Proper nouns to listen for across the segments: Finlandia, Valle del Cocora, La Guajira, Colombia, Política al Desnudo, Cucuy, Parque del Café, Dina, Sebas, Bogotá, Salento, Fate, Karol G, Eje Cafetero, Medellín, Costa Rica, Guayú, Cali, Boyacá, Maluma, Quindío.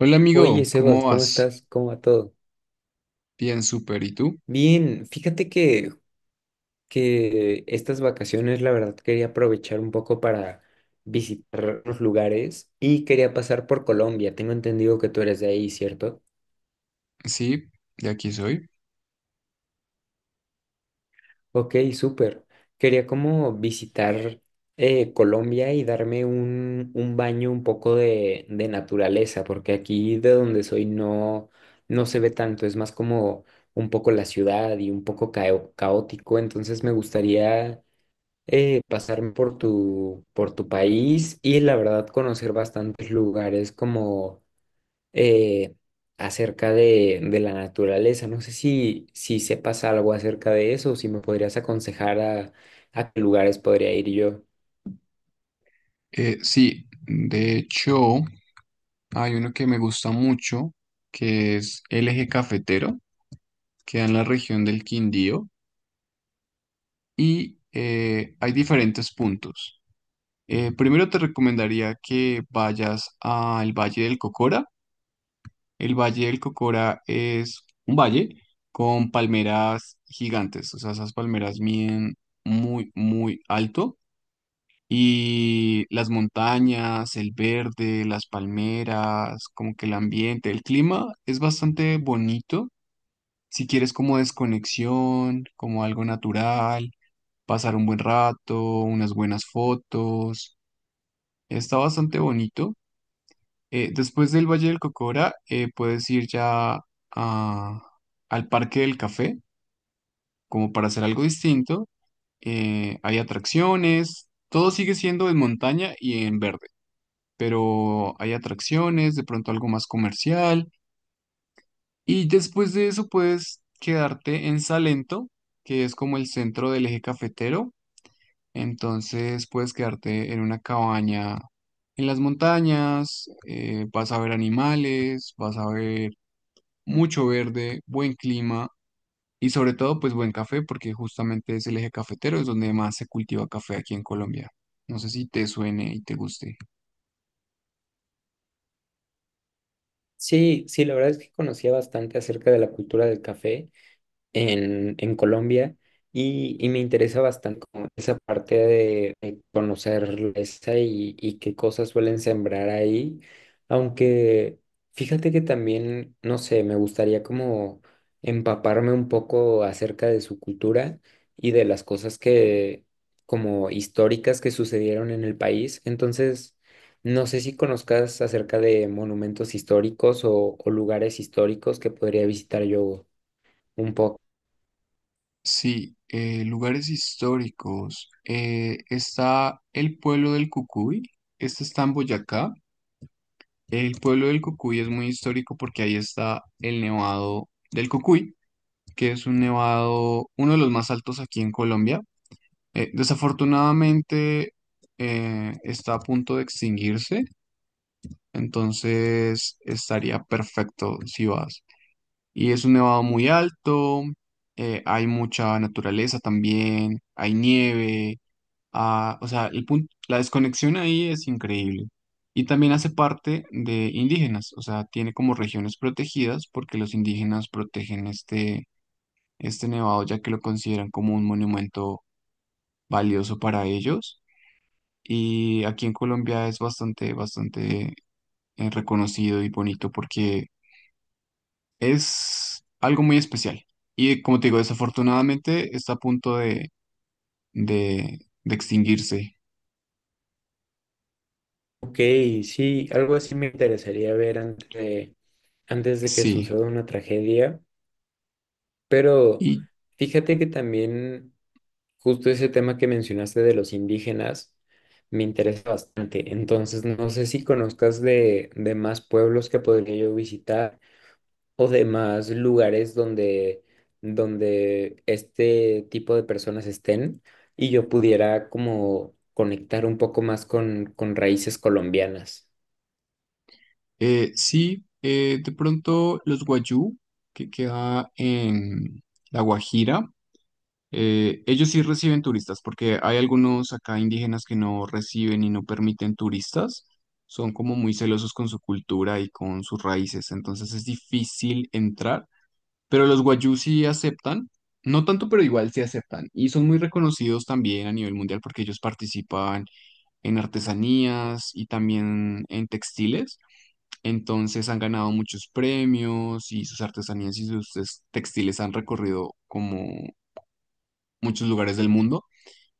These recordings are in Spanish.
Hola amigo, Oye, ¿cómo Sebas, ¿cómo vas? estás? ¿Cómo va todo? Bien, súper. ¿Y tú? Bien, fíjate que estas vacaciones, la verdad, quería aprovechar un poco para visitar los lugares y quería pasar por Colombia. Tengo entendido que tú eres de ahí, ¿cierto? Sí, de aquí soy. Ok, súper. Quería como visitar Colombia y darme un baño un poco de naturaleza, porque aquí de donde soy no, no se ve tanto, es más como un poco la ciudad y un poco caótico, entonces me gustaría pasarme por por tu país y la verdad conocer bastantes lugares como eh, acerca de la naturaleza. No sé si, si sepas algo acerca de eso o si me podrías aconsejar a qué lugares podría ir yo. Sí, de hecho, hay uno que me gusta mucho, que es el Eje Cafetero, queda en la región del Quindío y hay diferentes puntos. Primero te recomendaría que vayas al Valle del Cocora. El Valle del Cocora es un valle con palmeras gigantes, o sea, esas palmeras miden muy, muy alto. Y las montañas, el verde, las palmeras, como que el ambiente, el clima es bastante bonito. Si quieres como desconexión, como algo natural, pasar un buen rato, unas buenas fotos, está bastante bonito. Después del Valle del Cocora, puedes ir ya a- al Parque del Café, como para hacer algo distinto. Hay atracciones, todo sigue siendo en montaña y en verde, pero hay atracciones, de pronto algo más comercial. Y después de eso puedes quedarte en Salento, que es como el centro del eje cafetero. Entonces puedes quedarte en una cabaña en las montañas, vas a ver animales, vas a ver mucho verde, buen clima y sobre todo pues buen café, porque justamente es el eje cafetero, es donde más se cultiva café aquí en Colombia. No sé si te suene y te guste. Sí, sí, la verdad es que conocía bastante acerca de la cultura del café en en Colombia y me interesa bastante como esa parte de conocer esa y qué cosas suelen sembrar ahí, aunque fíjate que también, no sé, me gustaría como empaparme un poco acerca de su cultura y de las cosas que como históricas que sucedieron en el país, entonces... No sé si conozcas acerca de monumentos históricos o lugares históricos que podría visitar yo un poco. Sí, lugares históricos. Está el pueblo del Cucuy. Este está en Boyacá. El pueblo del Cucuy es muy histórico porque ahí está el nevado del Cucuy, que es un nevado, uno de los más altos aquí en Colombia. Desafortunadamente, está a punto de extinguirse, entonces estaría perfecto si vas. Y es un nevado muy alto, hay mucha naturaleza también, hay nieve o sea, el punto, la desconexión ahí es increíble. Y también hace parte de indígenas, o sea, tiene como regiones protegidas porque los indígenas protegen este nevado ya que lo consideran como un monumento valioso para ellos. Y aquí en Colombia es bastante, bastante reconocido y bonito porque es algo muy especial. Y como te digo, desafortunadamente está a punto de, de extinguirse. Ok, sí, algo así me interesaría ver antes de que Sí. suceda una tragedia, pero Y fíjate que también justo ese tema que mencionaste de los indígenas me interesa bastante, entonces no sé si conozcas de más pueblos que podría yo visitar o de más lugares donde, donde este tipo de personas estén y yo pudiera como conectar un poco más con raíces colombianas. Sí, de pronto los Guayú, que queda en La Guajira, ellos sí reciben turistas, porque hay algunos acá indígenas que no reciben y no permiten turistas. Son como muy celosos con su cultura y con sus raíces, entonces es difícil entrar. Pero los Guayú sí aceptan, no tanto, pero igual sí aceptan. Y son muy reconocidos también a nivel mundial porque ellos participan en artesanías y también en textiles. Entonces han ganado muchos premios y sus artesanías y sus textiles han recorrido como muchos lugares del mundo.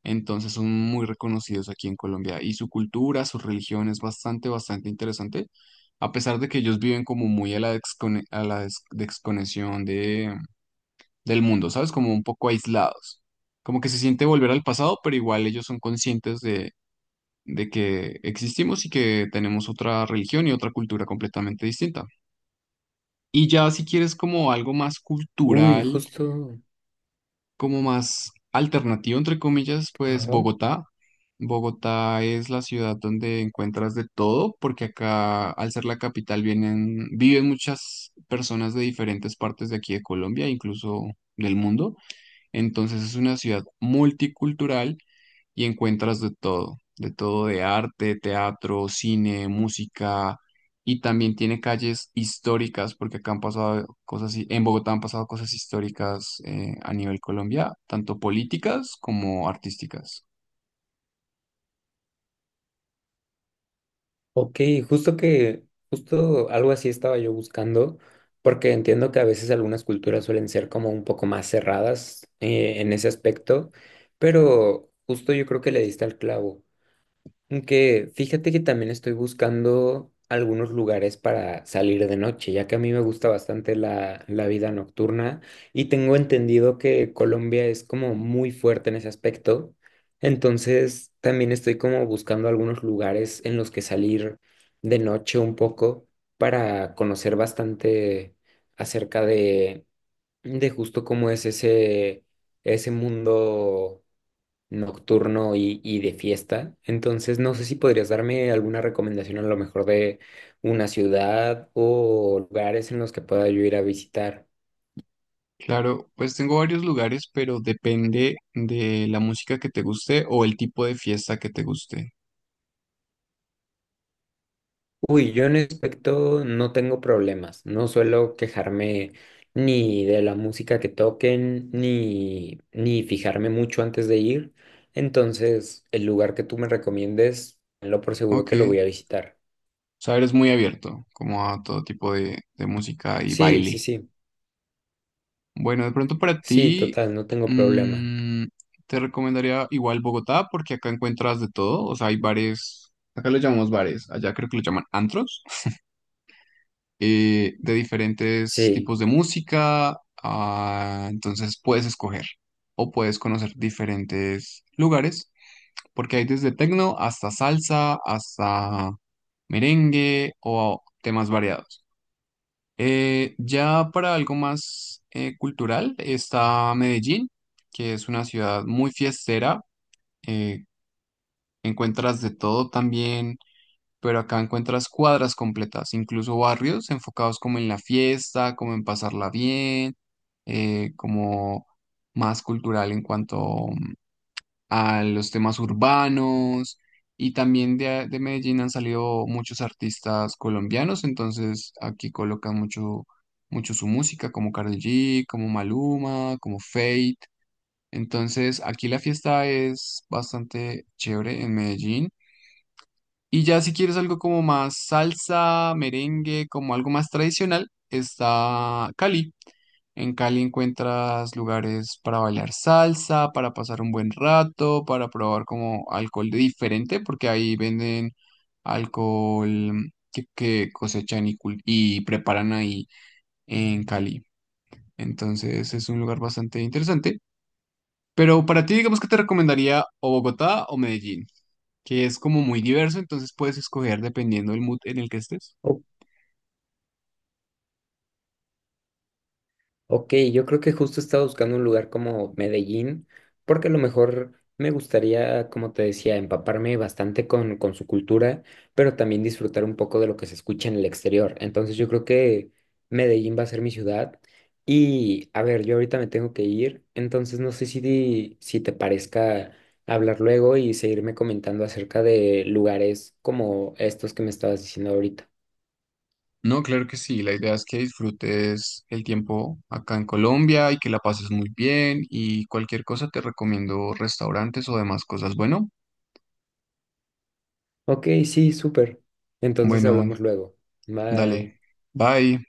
Entonces son muy reconocidos aquí en Colombia y su cultura, su religión es bastante, bastante interesante. A pesar de que ellos viven como muy a la, descone- a la des- desconexión del mundo, ¿sabes? Como un poco aislados. Como que se siente volver al pasado, pero igual ellos son conscientes de que existimos y que tenemos otra religión y otra cultura completamente distinta. Y ya si quieres como algo más Uy, cultural, justo, como más alternativo, entre comillas, pues ajá, Bogotá. Bogotá es la ciudad donde encuentras de todo, porque acá, al ser la capital, vienen, viven muchas personas de diferentes partes de aquí de Colombia, incluso del mundo. Entonces es una ciudad multicultural y encuentras de todo, de todo de arte, teatro, cine, música, y también tiene calles históricas, porque acá han pasado cosas, en Bogotá han pasado cosas históricas a nivel Colombia, tanto políticas como artísticas. ok, justo que, justo algo así estaba yo buscando, porque entiendo que a veces algunas culturas suelen ser como un poco más cerradas en ese aspecto, pero justo yo creo que le diste al clavo. Que fíjate que también estoy buscando algunos lugares para salir de noche, ya que a mí me gusta bastante la vida nocturna y tengo entendido que Colombia es como muy fuerte en ese aspecto. Entonces también estoy como buscando algunos lugares en los que salir de noche un poco para conocer bastante acerca de justo cómo es ese, ese mundo nocturno y de fiesta. Entonces, no sé si podrías darme alguna recomendación a lo mejor de una ciudad o lugares en los que pueda yo ir a visitar. Claro, pues tengo varios lugares, pero depende de la música que te guste o el tipo de fiesta que te guste. Uy, yo en ese aspecto no tengo problemas. No suelo quejarme ni de la música que toquen, ni fijarme mucho antes de ir. Entonces, el lugar que tú me recomiendes, lo por seguro Ok, que lo voy a o visitar. sea, eres muy abierto, como a todo tipo de música y Sí, baile. sí, sí. Bueno, de pronto para Sí, ti, total, no tengo problema. mm, te recomendaría igual Bogotá, porque acá encuentras de todo. O sea, hay bares, acá lo llamamos bares, allá creo que lo llaman antros, de diferentes Sí. tipos de música. Entonces puedes escoger o puedes conocer diferentes lugares, porque hay desde tecno hasta salsa, hasta merengue o temas variados. Ya para algo más cultural está Medellín, que es una ciudad muy fiestera. eh, Encuentras de todo también, pero acá encuentras cuadras completas, incluso barrios enfocados como en la fiesta, como en pasarla bien, como más cultural en cuanto a los temas urbanos y también de Medellín han salido muchos artistas colombianos, entonces aquí colocan mucho, mucho su música, como Karol G, como Maluma, como Fate. Entonces aquí la fiesta es bastante chévere en Medellín. Y ya si quieres algo como más salsa, merengue, como algo más tradicional, está Cali. En Cali encuentras lugares para bailar salsa, para pasar un buen rato, para probar como alcohol diferente, porque ahí venden alcohol que cosechan y preparan ahí en Cali. Entonces es un lugar bastante interesante. Pero para ti, digamos que te recomendaría o Bogotá o Medellín, que es como muy diverso, entonces puedes escoger dependiendo del mood en el que estés. Ok. Ok, yo creo que justo estaba buscando un lugar como Medellín, porque a lo mejor me gustaría, como te decía, empaparme bastante con su cultura, pero también disfrutar un poco de lo que se escucha en el exterior. Entonces yo creo que Medellín va a ser mi ciudad. Y a ver, yo ahorita me tengo que ir, entonces no sé si, si te parezca hablar luego y seguirme comentando acerca de lugares como estos que me estabas diciendo ahorita. No, claro que sí. La idea es que disfrutes el tiempo acá en Colombia y que la pases muy bien y cualquier cosa te recomiendo restaurantes o demás cosas. Bueno, Ok, sí, súper. Entonces bueno, hablamos luego. dale. Bye. Bye.